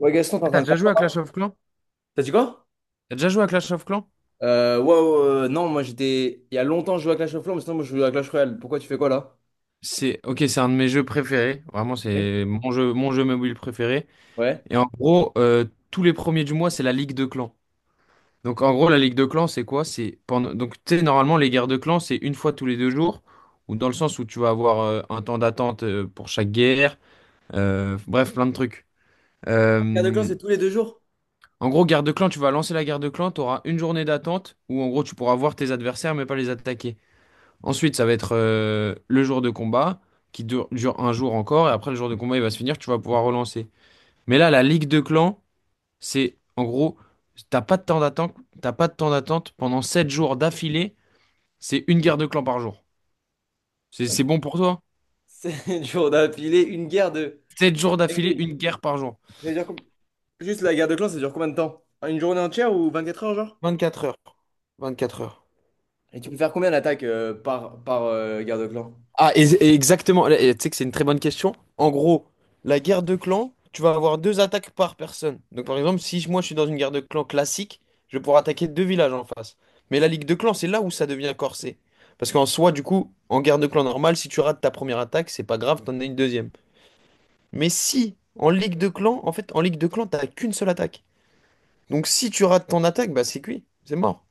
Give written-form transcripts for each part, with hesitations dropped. Ouais, Gaston, t'es Ah, en t'as train de déjà faire joué à quoi? Clash of Clans? T'as dit quoi? T'as déjà joué à Clash of Clans? Ouais, ouais, ouais, non, moi j'étais. Il y a longtemps, je jouais à Clash of Clans, mais sinon, moi je joue à Clash Royale. Pourquoi tu fais quoi là? C'est ok, c'est un de mes jeux préférés. Vraiment, Ok. c'est mon jeu mobile préféré. Ouais. Et en gros, tous les premiers du mois, c'est la Ligue de Clans. Donc en gros, la Ligue de Clans, c'est quoi? C'est pendant. Donc tu sais, normalement, les guerres de clans, c'est une fois tous les 2 jours, ou dans le sens où tu vas avoir un temps d'attente pour chaque guerre. Bref, plein de trucs. La guerre de clans, Euh, c'est tous les deux jours. En gros, guerre de clan, tu vas lancer la guerre de clan, tu auras une journée d'attente où en gros tu pourras voir tes adversaires mais pas les attaquer. Ensuite, ça va être le jour de combat qui dure un jour encore. Et après, le jour de combat, il va se finir. Tu vas pouvoir relancer. Mais là, la ligue de clans, c'est en gros, t'as pas de temps d'attente, t'as pas de temps d'attente pendant 7 jours d'affilée. C'est une guerre de clans par jour. C'est bon pour toi? C'est dur d'appeler une guerre de. 7 jours Eh d'affilée, oui. une guerre par jour. Ça dure com- juste la guerre de clans, ça dure combien de temps? Une journée entière ou 24 heures, genre? 24 heures. 24 heures. Et tu peux faire combien d'attaques par, par guerre de clan? Ah, et exactement. Et tu sais que c'est une très bonne question. En gros, la guerre de clan, tu vas avoir deux attaques par personne. Donc, par exemple, si moi je suis dans une guerre de clan classique, je vais pouvoir attaquer deux villages en face. Mais la ligue de clan, c'est là où ça devient corsé. Parce qu'en soi, du coup, en guerre de clan normale, si tu rates ta première attaque, c'est pas grave, t'en as une deuxième. Mais si, en ligue de clan, en fait, en ligue de clan, t'as qu'une seule attaque. Donc, si tu rates ton attaque, bah c'est cuit, c'est mort.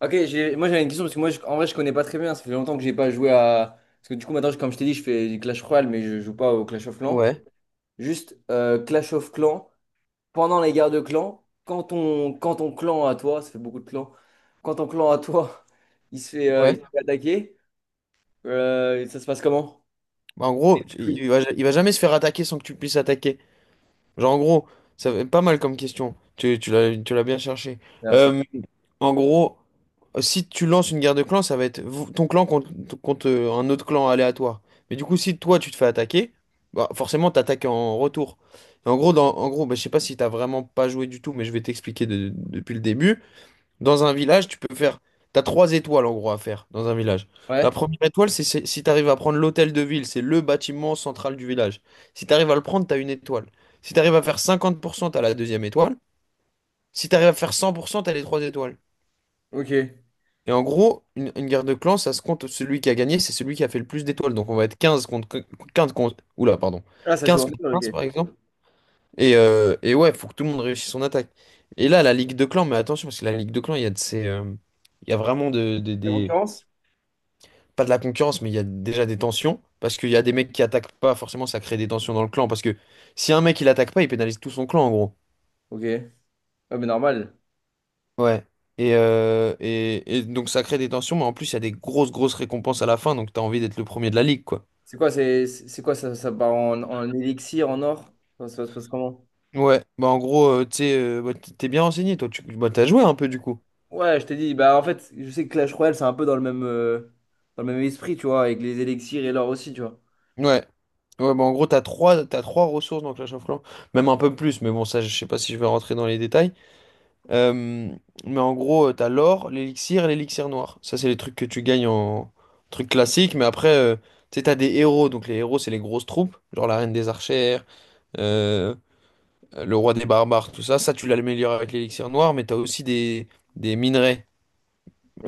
Ok, j'ai- moi j'avais une question parce que moi je- en vrai je connais pas très bien, ça fait longtemps que j'ai pas joué à. Parce que du coup maintenant, je- comme je t'ai dit, je fais du Clash Royale mais je joue pas au Clash of Clans. Ouais, Juste Clash of Clans, pendant les guerres de clans, quand ton clan à toi, ça fait beaucoup de clans, quand ton clan à toi, il ouais. se fait attaquer, ça se passe comment? Bah, en gros, Oui. Il va jamais se faire attaquer sans que tu puisses attaquer. Genre, en gros, ça fait pas mal comme question. Tu l'as bien cherché. Merci. Euh, En gros, si tu lances une guerre de clans, ça va être ton clan contre, contre un autre clan aléatoire. Mais du coup, si toi, tu te fais attaquer, bah, forcément, t'attaques en retour. Et en gros, en gros bah, je sais pas si t'as vraiment pas joué du tout, mais je vais t'expliquer depuis le début. Dans un village, tu peux faire. T'as trois étoiles en gros à faire dans un village. La Ouais, première étoile, si t'arrives à prendre l'hôtel de ville, c'est le bâtiment central du village. Si t'arrives à le prendre, t'as une étoile. Si t'arrives à faire 50%, t'as la deuxième étoile. Si t'arrives à faire 100%, t'as les trois étoiles. ok. Et en gros, une guerre de clans, ça se compte, celui qui a gagné, c'est celui qui a fait le plus d'étoiles. Donc on va être 15 contre 15 contre. Oula, pardon. Ah, ça joue 15 en deux, contre 15 ok. par exemple. Et ouais, faut que tout le monde réussisse son attaque. Et là, la ligue de clans, mais attention, parce que la ligue de clans, il y a de ces. Il y a vraiment de- La des concurrence? pas de la concurrence, mais il y a déjà des tensions. Parce qu'il y a des mecs qui attaquent pas, forcément, ça crée des tensions dans le clan. Parce que si un mec il attaque pas, il pénalise tout son clan, en gros. Ok. Ouais, mais normal. Ouais. Et donc ça crée des tensions, mais en plus il y a des grosses, grosses récompenses à la fin, donc t'as envie d'être le premier de la ligue, quoi. C'est quoi, c'est quoi ça, ça part en, en élixir, en or? Ça se passe comment? Ouais, bah en gros, tu sais, bah, t'es bien renseigné, toi, tu bah, t'as joué un peu du coup. Ouais, je t'ai dit, bah en fait, je sais que Clash Royale, c'est un peu dans le même esprit, tu vois, avec les élixirs et l'or aussi, tu vois. Ouais. Ouais, bah en gros, t'as trois ressources dans Clash of Clans, même un peu plus, mais bon, ça, je sais pas si je vais rentrer dans les détails. Euh, mais en gros, t'as l'or, l'élixir et l'élixir noir. Ça, c'est les trucs que tu gagnes en trucs classiques. Mais après, tu sais, t'as des héros. Donc, les héros, c'est les grosses troupes. Genre la reine des archères, euh, le roi des barbares, tout ça. Ça, tu l'améliores avec l'élixir noir. Mais t'as aussi des minerais.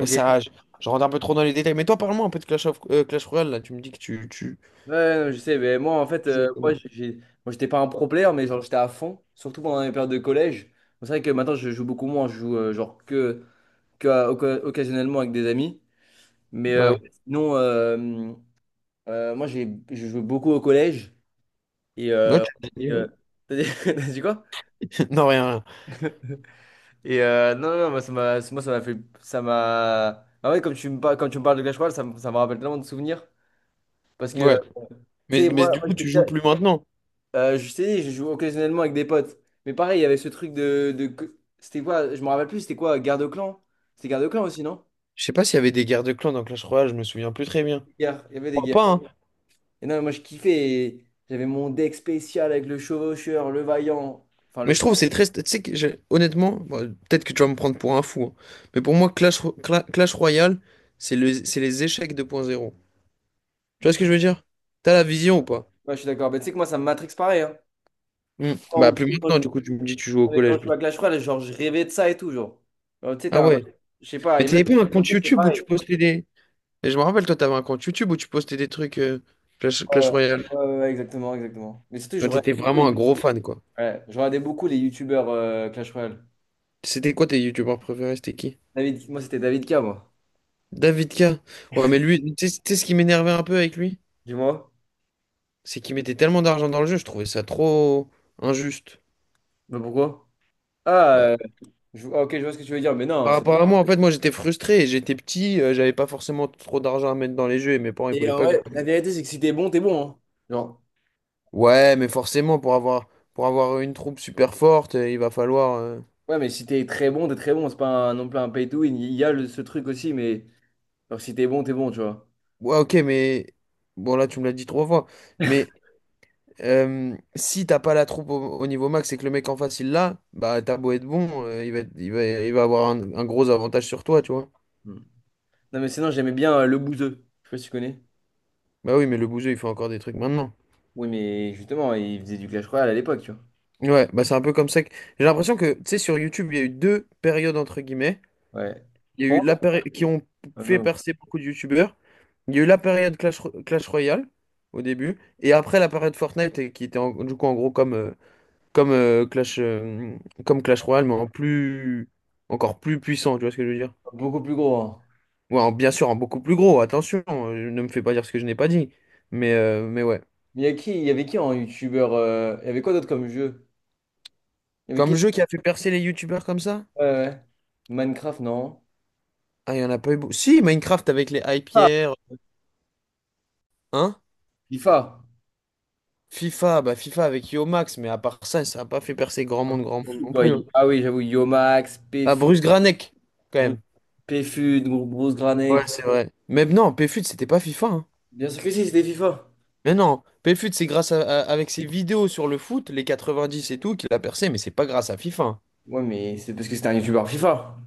Mais ça, je rentre un peu trop dans les détails. Mais toi, parle-moi un peu de Clash Royale. Là, tu me dis que tu, tu, Ouais, non, je sais, mais moi en fait, tu jouais. J'ai- moi, j'étais pas un pro player, mais genre j'étais à fond, surtout pendant les périodes de collège. C'est vrai que maintenant je joue beaucoup moins, je joue que à- oca- occasionnellement avec des amis. Mais ouais, Ouais. sinon, moi j'ai, je joue beaucoup au collège. Et, Ouais, tu l'as et, dit, ouais. euh, t'as dit quoi? Non, rien, rien. Et non, non, non, moi, ça m'a fait, ça m'a. Ah ouais, parles comme tu me parles de Clash Royale, ça me rappelle tellement de souvenirs. Parce que, Ouais. tu Mais, sais, mais moi, du moi, coup, j'étais tu joues plus maintenant. Je t'ai dit, je joue occasionnellement avec des potes. Mais pareil, il y avait ce truc de... que- c'était quoi? Je me rappelle plus, c'était quoi? Garde de clan? C'était garde de clan aussi, non? Je sais pas s'il y avait des guerres de clans dans Clash Royale. Je me souviens plus très bien. Guerre, il y avait des Crois guerres. pas, Ouais. hein. Et non, moi je kiffais. Et j'avais mon deck spécial avec le chevaucheur, le vaillant. Enfin, le Mais je trouve que chevaucheur, c'est très. Tu sais que honnêtement, bon, peut-être que tu vas me prendre pour un fou, hein. Mais pour moi, Clash Royale, c'est les échecs 2.0. Tu vois ce que je veux dire? T'as la vision ou pas? ouais, je suis d'accord. Mais tu sais que moi, ça me matrix pareil, hein. Hmm. En Bah, gros, plus quand maintenant, je, du coup, tu me dis que tu joues au ouais, quand collège. je joue Plus. à Clash Royale, genre, je rêvais de ça et tout, genre. Alors, tu sais, Ah t'as un- ouais. je sais pas, Mais et t'avais même... pas un Je compte sais que c'est YouTube où tu pareil. postais des. Et je me rappelle, toi, t'avais un compte YouTube où tu postais des trucs Ouais, Clash Royale. ouais, ouais, ouais, exactement, exactement. Mais surtout, Toi, je t'étais regardais beaucoup vraiment un les... gros fan, quoi. Ouais, je regardais beaucoup les youtubeurs Clash Royale. C'était quoi tes youtubeurs préférés? C'était qui? David, moi c'était David K, moi. David K. Ouais, mais lui, tu sais ce qui m'énervait un peu avec lui? Dis-moi. C'est qu'ils mettaient tellement d'argent dans le jeu, je trouvais ça trop injuste. Mais pourquoi? Ah, Bah, je- ah, ok, je vois ce que tu veux dire, mais non, par c'est- rapport à moi, en fait, moi j'étais frustré, j'étais petit, j'avais pas forcément trop d'argent à mettre dans les jeux et mes parents ils et voulaient en pas que. vrai, la vérité, c'est que si t'es bon, t'es bon, hein. Genre, Ouais, mais forcément pour avoir une troupe super forte, il va falloir. Ouais, mais si t'es très bon, t'es très bon. C'est pas un, non plus un pay to win. Il y a le- ce truc aussi, mais genre, si t'es bon, t'es bon, tu vois. Ouais, ok, mais bon là tu me l'as dit trois fois, mais si t'as pas la troupe au niveau max et que le mec en face il l'a, bah t'as beau être bon, il va être- il va avoir un gros avantage sur toi, tu vois. Hmm. Non, mais sinon, j'aimais bien le bouseux. Je sais pas si tu connais. Bah oui, mais le bouseux il fait encore des trucs maintenant. Oui, mais justement, il faisait du Clash Royale à l'époque, tu vois. Ouais, bah c'est un peu comme ça que. J'ai l'impression que, tu sais, sur YouTube, il y a eu deux périodes, entre guillemets. Ouais. Il y a eu Pour moi, la période qui ont fait non, percer beaucoup de YouTubeurs. Il y a eu la période Clash Royale, au début. Et après, la période Fortnite, et qui était du coup, en gros, comme, euh, Clash, euh, comme Clash Royale, mais en plus. Encore plus puissant, tu vois ce que je veux dire? beaucoup plus gros, hein. Ouais, bien sûr, en beaucoup plus gros, attention, ne me fais pas dire ce que je n'ai pas dit. Mais ouais. Mais il y avait qui en youtubeur il y avait quoi d'autre comme jeu? Il y avait Comme qui? jeu qui a fait percer les YouTubeurs comme ça? Ouais, ouais, ouais. Minecraft, non. Ah, il y en a pas eu beaucoup. Si, Minecraft avec les hype pierres, hein? FIFA. FIFA, bah FIFA avec Yo Max, mais à part ça, ça n'a pas fait percer grand monde non Ouais, plus, hein. y- ah oui, j'avoue, Yomax, Ah, Pf, Bruce Granek, quand Bru- même. Pfud, Gru- Bruce Ouais, Granek. c'est vrai. Mais non, PFUT, c'était pas FIFA, hein. Bien sûr que si, c'était FIFA. Mais non, PFUT, c'est grâce à, avec ses vidéos sur le foot, les 90 et tout, qu'il a percé, mais c'est pas grâce à FIFA, hein. Ouais, mais c'est parce que c'était un youtubeur FIFA.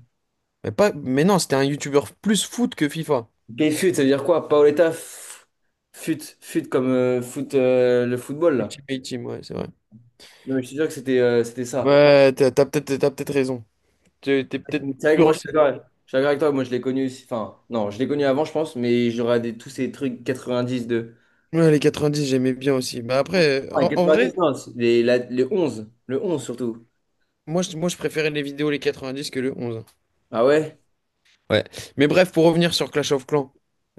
Mais non, c'était un YouTuber plus foot que FIFA. Pfud, ça veut dire quoi? Paoletta F- Fut, Fut comme foot, le football, là. Ultimate Team, ouais, c'est vrai. Non, mais je te jure que c'était c'était ça. Ouais, t'as peut-être raison. T'es C'est peut-être vrai que plus moi, renseigné. Je suis d'accord avec toi. Moi, je l'ai connu aussi. Enfin, non, je l'ai connu avant, je pense, mais j'aurais des- tous ces trucs 90 de. Ouais, les 90 j'aimais bien aussi. Bah après, Ah, en 90, vrai, non, c'est les, la- les 11. Le 11, surtout. moi je préférais les vidéos les 90 que le 11, hein. Ah ouais? Ouais. Mais bref, pour revenir sur Clash of Clans,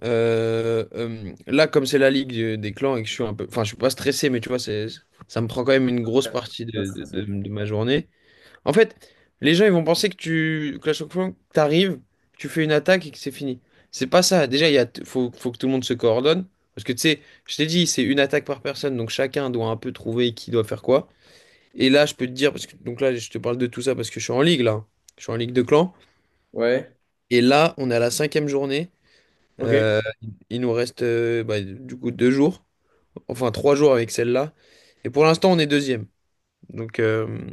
là, comme c'est la ligue des clans et que je suis un peu. Enfin, je suis pas stressé, mais tu vois, ça me prend quand même une grosse Ouais. partie Ça de, serait ça. De ma journée. En fait, les gens, ils vont penser que tu. Clash of Clans, t'arrives, tu fais une attaque et que c'est fini. C'est pas ça. Déjà, il y a, faut, faut que tout le monde se coordonne. Parce que tu sais, je t'ai dit, c'est une attaque par personne, donc chacun doit un peu trouver qui doit faire quoi. Et là, je peux te dire, parce que donc là, je te parle de tout ça parce que je suis en ligue, là. Je suis en ligue de clans. Ouais. Et là, on est à la cinquième journée. Ok. Euh, il nous reste bah, du coup 2 jours, enfin 3 jours avec celle-là. Et pour l'instant, on est deuxième. Donc, euh,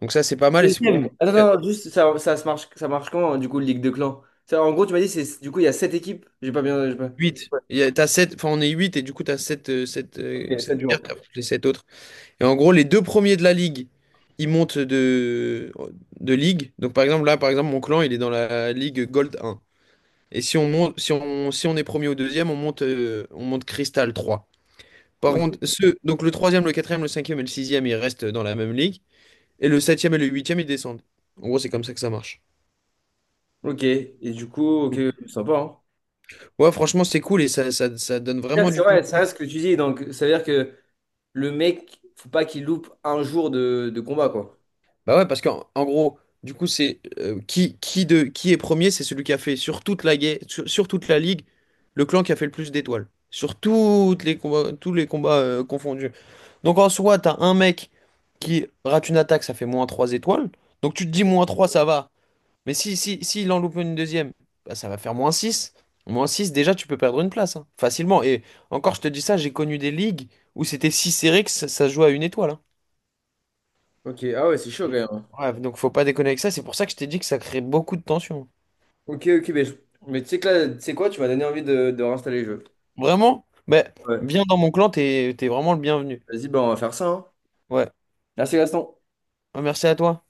donc ça, c'est pas mal. Et c'est pour moi Deuxième. Attends, non, non, juste, ça marche comment du coup, Ligue de clans? Ça, en gros, tu m'as dit, c'est, du coup, il y a sept équipes. J'ai pas bien. J'ai pas- 8. ouais, T'as sept, enfin, on est 8 et du coup, tu as 7 sept ok, sept jours. cartes après les sept autres. Et en gros, les deux premiers de la ligue, ils montent de ligue. Donc par exemple, là, par exemple, mon clan, il est dans la ligue Gold 1. Et si on monte, si on est premier ou deuxième, on monte Crystal 3. Par contre, Ok. Donc le troisième, le quatrième, le cinquième et le sixième, ils restent dans la même ligue. Et le septième et le huitième, ils descendent. En gros, c'est comme ça que ça marche. Ok. Et du coup, ok, Mm. sympa, hein. Ouais, franchement, c'est cool et ça, donne vraiment C'est du piment. vrai, ça reste ce que tu dis. Donc, ça veut dire que le mec, faut pas qu'il loupe un jour de combat, quoi. Bah ouais, parce qu'en en gros, du coup, c'est qui est premier, c'est celui qui a fait sur toute sur toute la ligue le clan qui a fait le plus d'étoiles. Sur toutes les combats, tous les combats confondus. Donc en soi, t'as un mec qui rate une attaque, ça fait moins 3 étoiles. Donc tu te dis moins 3, ça va. Mais si il en loupe une deuxième, bah, ça va faire moins six. Moins six, déjà, tu peux perdre une place, hein, facilement. Et encore, je te dis ça, j'ai connu des ligues où c'était si serré que ça se jouait à une étoile, hein. Ok, ah ouais, c'est chaud quand même, hein. Ouais, donc faut pas déconner avec ça. C'est pour ça que je t'ai dit que ça crée beaucoup de tension. Ok, ok, mais, je- mais tu sais que là, tu sais quoi, tu m'as donné envie de réinstaller le jeu. Vraiment? Mais Ouais. viens dans mon clan, t'es vraiment le bienvenu. Vas-y, bah, on va faire ça, hein. Ouais. Merci, Gaston. Ouais, merci à toi.